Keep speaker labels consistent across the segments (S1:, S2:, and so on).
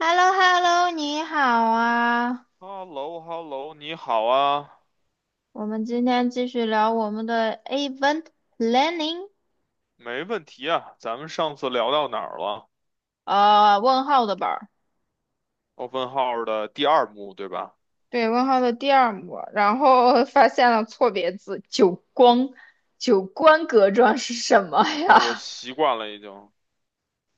S1: hello hello 你好啊！
S2: h e l l o h e l l o 你好啊，
S1: 我们今天继续聊我们的 event planning，
S2: 没问题啊。咱们上次聊到哪儿了？
S1: 问号的本儿。
S2: 奥本浩尔的第二幕，对吧？
S1: 对，问号的第二幕，然后发现了错别字，九光，九官格状是什么
S2: 啊，我
S1: 呀？
S2: 习惯了已经。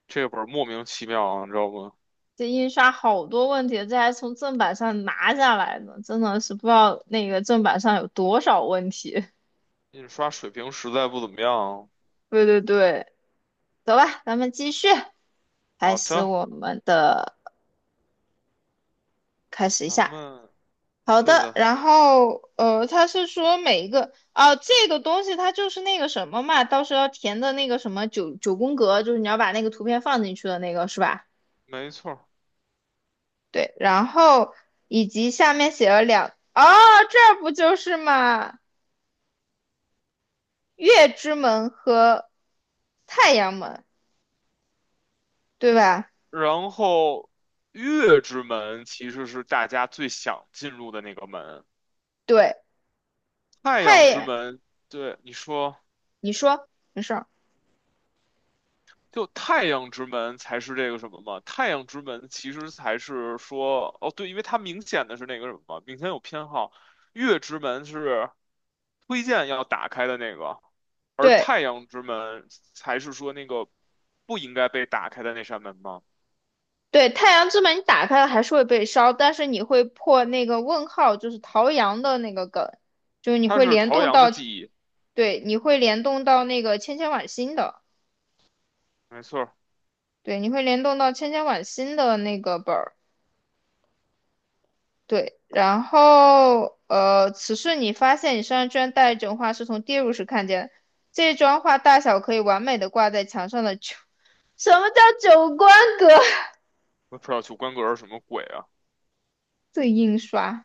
S2: 这本儿莫名其妙啊，你知道不？
S1: 这印刷好多问题，这还从正版上拿下来呢，真的是不知道那个正版上有多少问题。
S2: 印刷水平实在不怎么样。
S1: 对对对，走吧，咱们继续，开
S2: 好
S1: 始
S2: 的，
S1: 我们的，开始一
S2: 咱
S1: 下。
S2: 们
S1: 好
S2: 对
S1: 的，
S2: 的，
S1: 然后他是说每一个啊、这个东西它就是那个什么嘛，到时候要填的那个什么九九宫格，就是你要把那个图片放进去的那个是吧？
S2: 没错儿。
S1: 对，然后以及下面写了两，哦，这儿不就是嘛，月之门和太阳门，对吧？
S2: 然后，月之门其实是大家最想进入的那个门，
S1: 对，
S2: 太阳之
S1: 太
S2: 门。对，你说。
S1: 你说没事儿，
S2: 就太阳之门才是这个什么嘛？太阳之门其实才是说，哦，对，因为它明显的是那个什么嘛，明显有偏好。月之门是推荐要打开的那个，而
S1: 对，
S2: 太阳之门才是说那个不应该被打开的那扇门嘛。
S1: 对，太阳之门你打开了还是会被烧，但是你会破那个问号，就是陶阳的那个梗，就是你
S2: 它
S1: 会
S2: 是
S1: 联
S2: 陶
S1: 动
S2: 阳
S1: 到，
S2: 的记忆，
S1: 对，你会联动到那个千千晚星的，
S2: 没错儿。
S1: 对，你会联动到千千晚星的那个本儿，对，然后此时你发现你身上居然带一种画，是从跌入时看见的这张画大小可以完美的挂在墙上的九，什么叫九宫格？
S2: 我也不知道九宫格是什么鬼啊？
S1: 这印刷。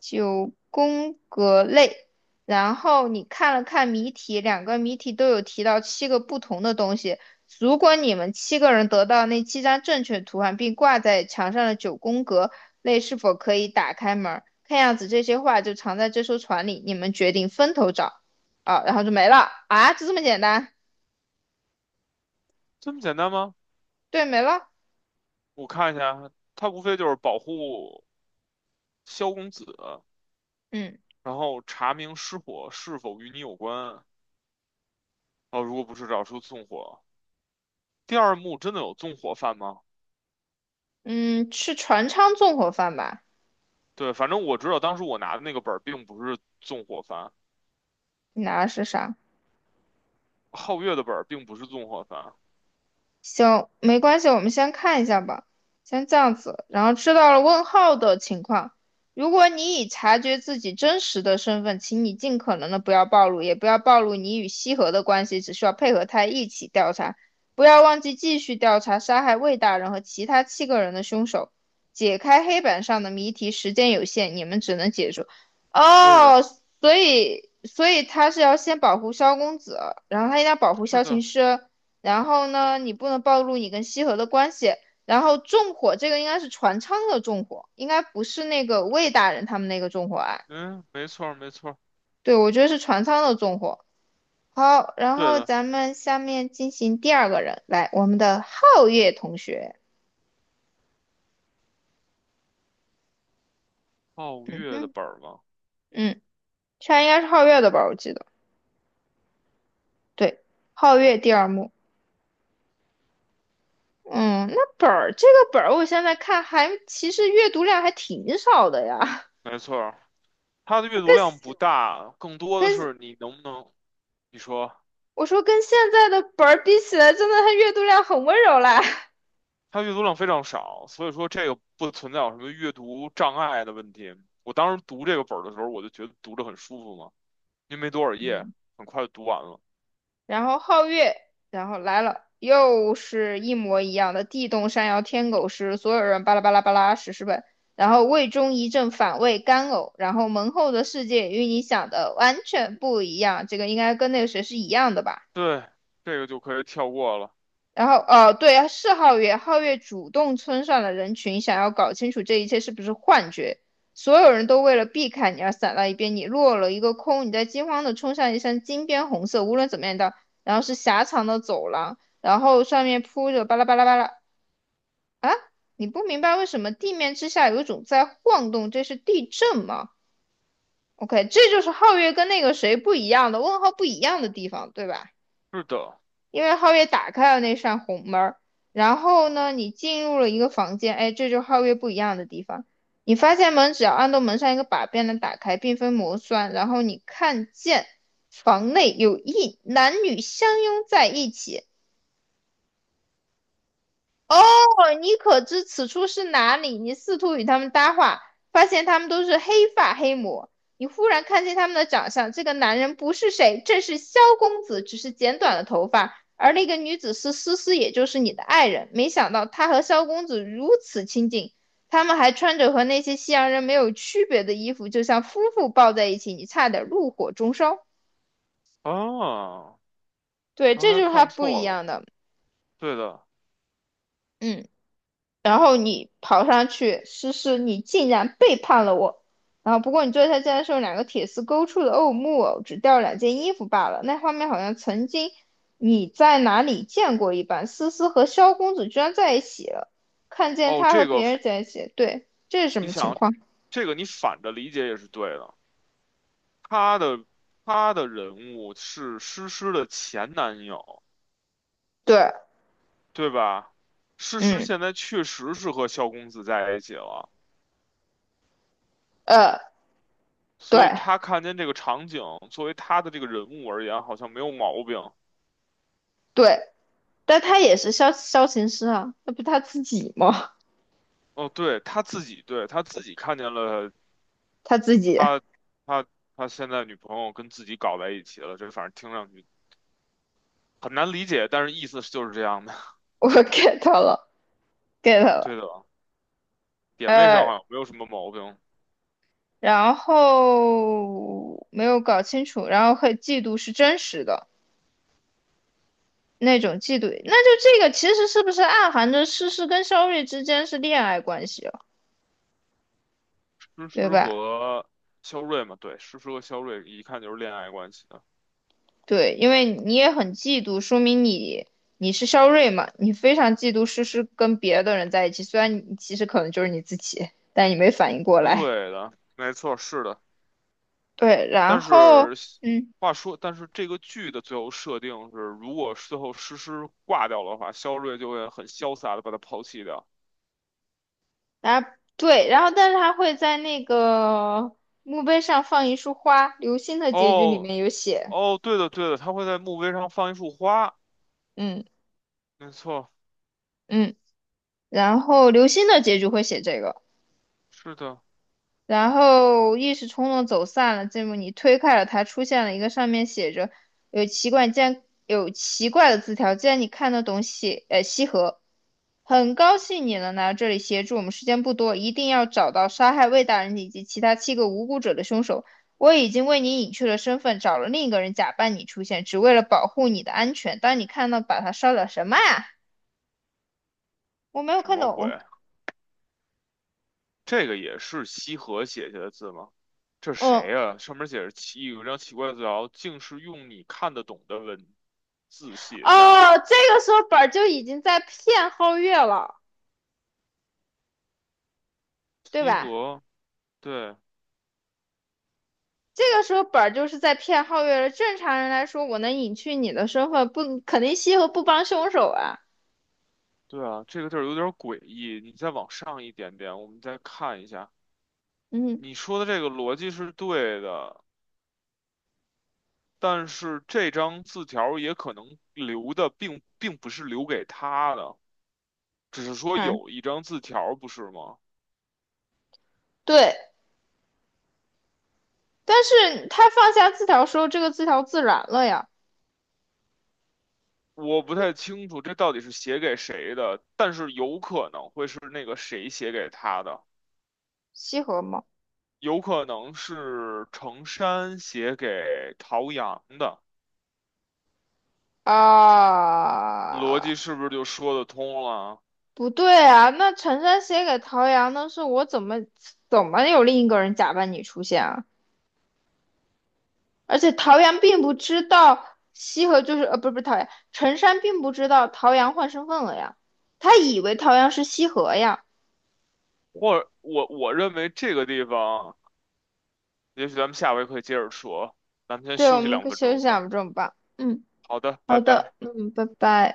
S1: 九宫格类，然后你看了看谜题，两个谜题都有提到七个不同的东西。如果你们七个人得到那七张正确图案，并挂在墙上的九宫格类，是否可以打开门儿？看样子这些画就藏在这艘船里，你们决定分头找啊，然后就没了啊，就这么简单？
S2: 这么简单吗？
S1: 对，没了。
S2: 我看一下，它无非就是保护萧公子，
S1: 嗯
S2: 然后查明失火是否与你有关。哦，如果不是找出纵火，第二幕真的有纵火犯吗？
S1: 嗯，吃船舱纵火犯吧，
S2: 对，反正我知道当时我拿的那个本儿并不是纵火犯，
S1: 你拿的是啥？
S2: 皓月的本儿并不是纵火犯。
S1: 行，没关系，我们先看一下吧，先这样子，然后知道了问号的情况。如果你已察觉自己真实的身份，请你尽可能的不要暴露，也不要暴露你与西河的关系，只需要配合他一起调查。不要忘记继续调查杀害魏大人和其他七个人的凶手，解开黑板上的谜题。时间有限，你们只能解除。
S2: 对的，
S1: 哦，所以他是要先保护萧公子，然后他应该保护
S2: 是
S1: 萧琴
S2: 的，
S1: 师。然后呢，你不能暴露你跟西河的关系。然后纵火这个应该是船舱的纵火，应该不是那个魏大人他们那个纵火案。
S2: 嗯，没错儿，没错儿，
S1: 对，我觉得是船舱的纵火。好，然
S2: 对
S1: 后
S2: 的，
S1: 咱们下面进行第二个人，来，我们的皓月同学。
S2: 皓月的
S1: 嗯
S2: 本儿吗？
S1: 嗯，这应该是皓月的吧？我记得，对，皓月第二幕。嗯，那本儿这个本儿，我现在看还其实阅读量还挺少的呀，
S2: 没错儿，它的阅读量 不
S1: 跟
S2: 大，更多的
S1: 跟
S2: 是你能不能，你说
S1: 我说跟现在的本儿比起来，真的他阅读量很温柔啦。
S2: 它阅读量非常少，所以说这个不存在有什么阅读障碍的问题。我当时读这个本儿的时候，我就觉得读着很舒服嘛，因为没多少页，
S1: 嗯，
S2: 很快就读完了。
S1: 然后皓月，然后来了，又是一模一样的地动山摇天狗食，所有人巴拉巴拉巴拉史诗本，然后胃中一阵反胃干呕，然后门后的世界与你想的完全不一样，这个应该跟那个谁是一样的吧？
S2: 对，这个就可以跳过了。
S1: 然后，哦，对，是皓月，皓月主动村上了人群，想要搞清楚这一切是不是幻觉。所有人都为了避开你而散到一边，你落了一个空。你在惊慌的冲向一扇金边红色，无论怎么样的，然后是狭长的走廊，然后上面铺着巴拉巴拉巴拉。你不明白为什么地面之下有一种在晃动，这是地震吗？OK，这就是皓月跟那个谁不一样的问号不一样的地方，对吧？
S2: 是的，
S1: 因为皓月打开了那扇红门然后呢，你进入了一个房间，哎，这就是皓月不一样的地方。你发现门只要按动门上一个把便能打开，并非魔栓。然后你看见房内有一男女相拥在一起，哦，你可知此处是哪里？你试图与他们搭话，发现他们都是黑发黑魔。你忽然看见他们的长相，这个男人不是谁，正是萧公子，只是剪短了头发。而那个女子是思思，也就是你的爱人。没想到她和萧公子如此亲近，他们还穿着和那些西洋人没有区别的衣服，就像夫妇抱在一起，你差点怒火中烧。
S2: 啊，
S1: 对，
S2: 刚
S1: 这
S2: 才
S1: 就是他
S2: 看
S1: 不一
S2: 错了。
S1: 样的。
S2: 对的，
S1: 嗯。然后你跑上去，诗诗，你竟然背叛了我。然后不过你坐下，竟然是用两个铁丝勾出的偶木偶，只掉了两件衣服罢了。那画面好像曾经你在哪里见过一般。思思和萧公子居然在一起了，看见
S2: 哦，
S1: 他和
S2: 这个
S1: 别人在一起，对，这是什
S2: 你
S1: 么情
S2: 想，
S1: 况？
S2: 这个你反着理解也是对的。他的他的人物是诗诗的前男友，
S1: 对，
S2: 对吧？诗诗
S1: 嗯，
S2: 现在确实是和萧公子在一起了，
S1: 呃，对
S2: 所以他看见这个场景，作为他的这个人物而言，好像没有毛病。
S1: 对，但他也是萧琴师啊，那不他自己吗？
S2: 哦，对，他自己，对，他自己看见了
S1: 他自己，
S2: 他他他现在女朋友跟自己搞在一起了，这反正听上去很难理解，但是意思就是这样的。
S1: 我 get 了，get
S2: 对
S1: 了。
S2: 的，点位上
S1: 呃，
S2: 好像没有什么毛病。
S1: 然后没有搞清楚，然后和嫉妒是真实的那种嫉妒，那就这个其实是不是暗含着诗诗跟肖睿之间是恋爱关系了，
S2: 诗
S1: 对
S2: 诗
S1: 吧？
S2: 和肖瑞嘛，对，诗诗和肖瑞一看就是恋爱关系的。
S1: 对，因为你也很嫉妒，说明你是肖睿嘛，你非常嫉妒诗诗跟别的人在一起，虽然你其实可能就是你自己，但你没反应过来。
S2: 对的，没错，是的。
S1: 对，然
S2: 但
S1: 后
S2: 是
S1: 嗯。
S2: 话说，但是这个剧的最后设定是，如果最后诗诗挂掉的话，肖瑞就会很潇洒的把她抛弃掉。
S1: 然后对，然后但是他会在那个墓碑上放一束花，《流星的结局》里
S2: 哦
S1: 面有写，
S2: 哦，对的对的，他会在墓碑上放一束花，
S1: 嗯
S2: 没错，
S1: 嗯，然后《流星的结局》会写这个。
S2: 是的。
S1: 然后一时冲动走散了。这幕你推开了他，出现了一个上面写着有奇怪，竟然有奇怪的字条。既然你看得懂写，西河，很高兴你能来到这里协助我们，时间不多，一定要找到杀害魏大人以及其他七个无辜者的凶手。我已经为你隐去了身份，找了另一个人假扮你出现，只为了保护你的安全。当你看到把他烧掉，什么呀？我没有
S2: 什
S1: 看
S2: 么鬼？
S1: 懂。
S2: 这个也是西河写下的字吗？这谁
S1: 嗯，
S2: 呀、上面写着奇有一张奇怪的字条，竟是用你看得懂的文字写下。
S1: 哦，这个时候本儿就已经在骗皓月了，对
S2: 西
S1: 吧？
S2: 河，对
S1: 这个时候本儿就是在骗皓月了。正常人来说，我能隐去你的身份，不肯定西河不帮凶手啊。
S2: 对啊，这个地儿有点诡异。你再往上一点点，我们再看一下。
S1: 嗯
S2: 你说的这个逻辑是对的，但是这张字条也可能留的并不是留给他的，只是说
S1: 嗯，
S2: 有一张字条，不是吗？
S1: 对。但是他放下字条时候，这个字条自燃了呀。
S2: 我不太清楚这到底是写给谁的，但是有可能会是那个谁写给他的，
S1: 西河吗？
S2: 有可能是程山写给陶阳的，逻
S1: 啊，
S2: 辑是不是就说得通了？
S1: 不对啊。那陈山写给陶阳的是我怎么有另一个人假扮你出现啊？而且陶阳并不知道西河就是不是不是陶阳，陈山并不知道陶阳换身份了呀。他以为陶阳是西河呀。
S2: 或者我认为这个地方，也许咱们下回可以接着说，咱们先
S1: 对，我
S2: 休息
S1: 们可
S2: 两
S1: 以
S2: 分
S1: 休
S2: 钟
S1: 息
S2: 吧。
S1: 2分钟吧。嗯，
S2: 好的，拜
S1: 好的，
S2: 拜。
S1: 嗯，拜拜。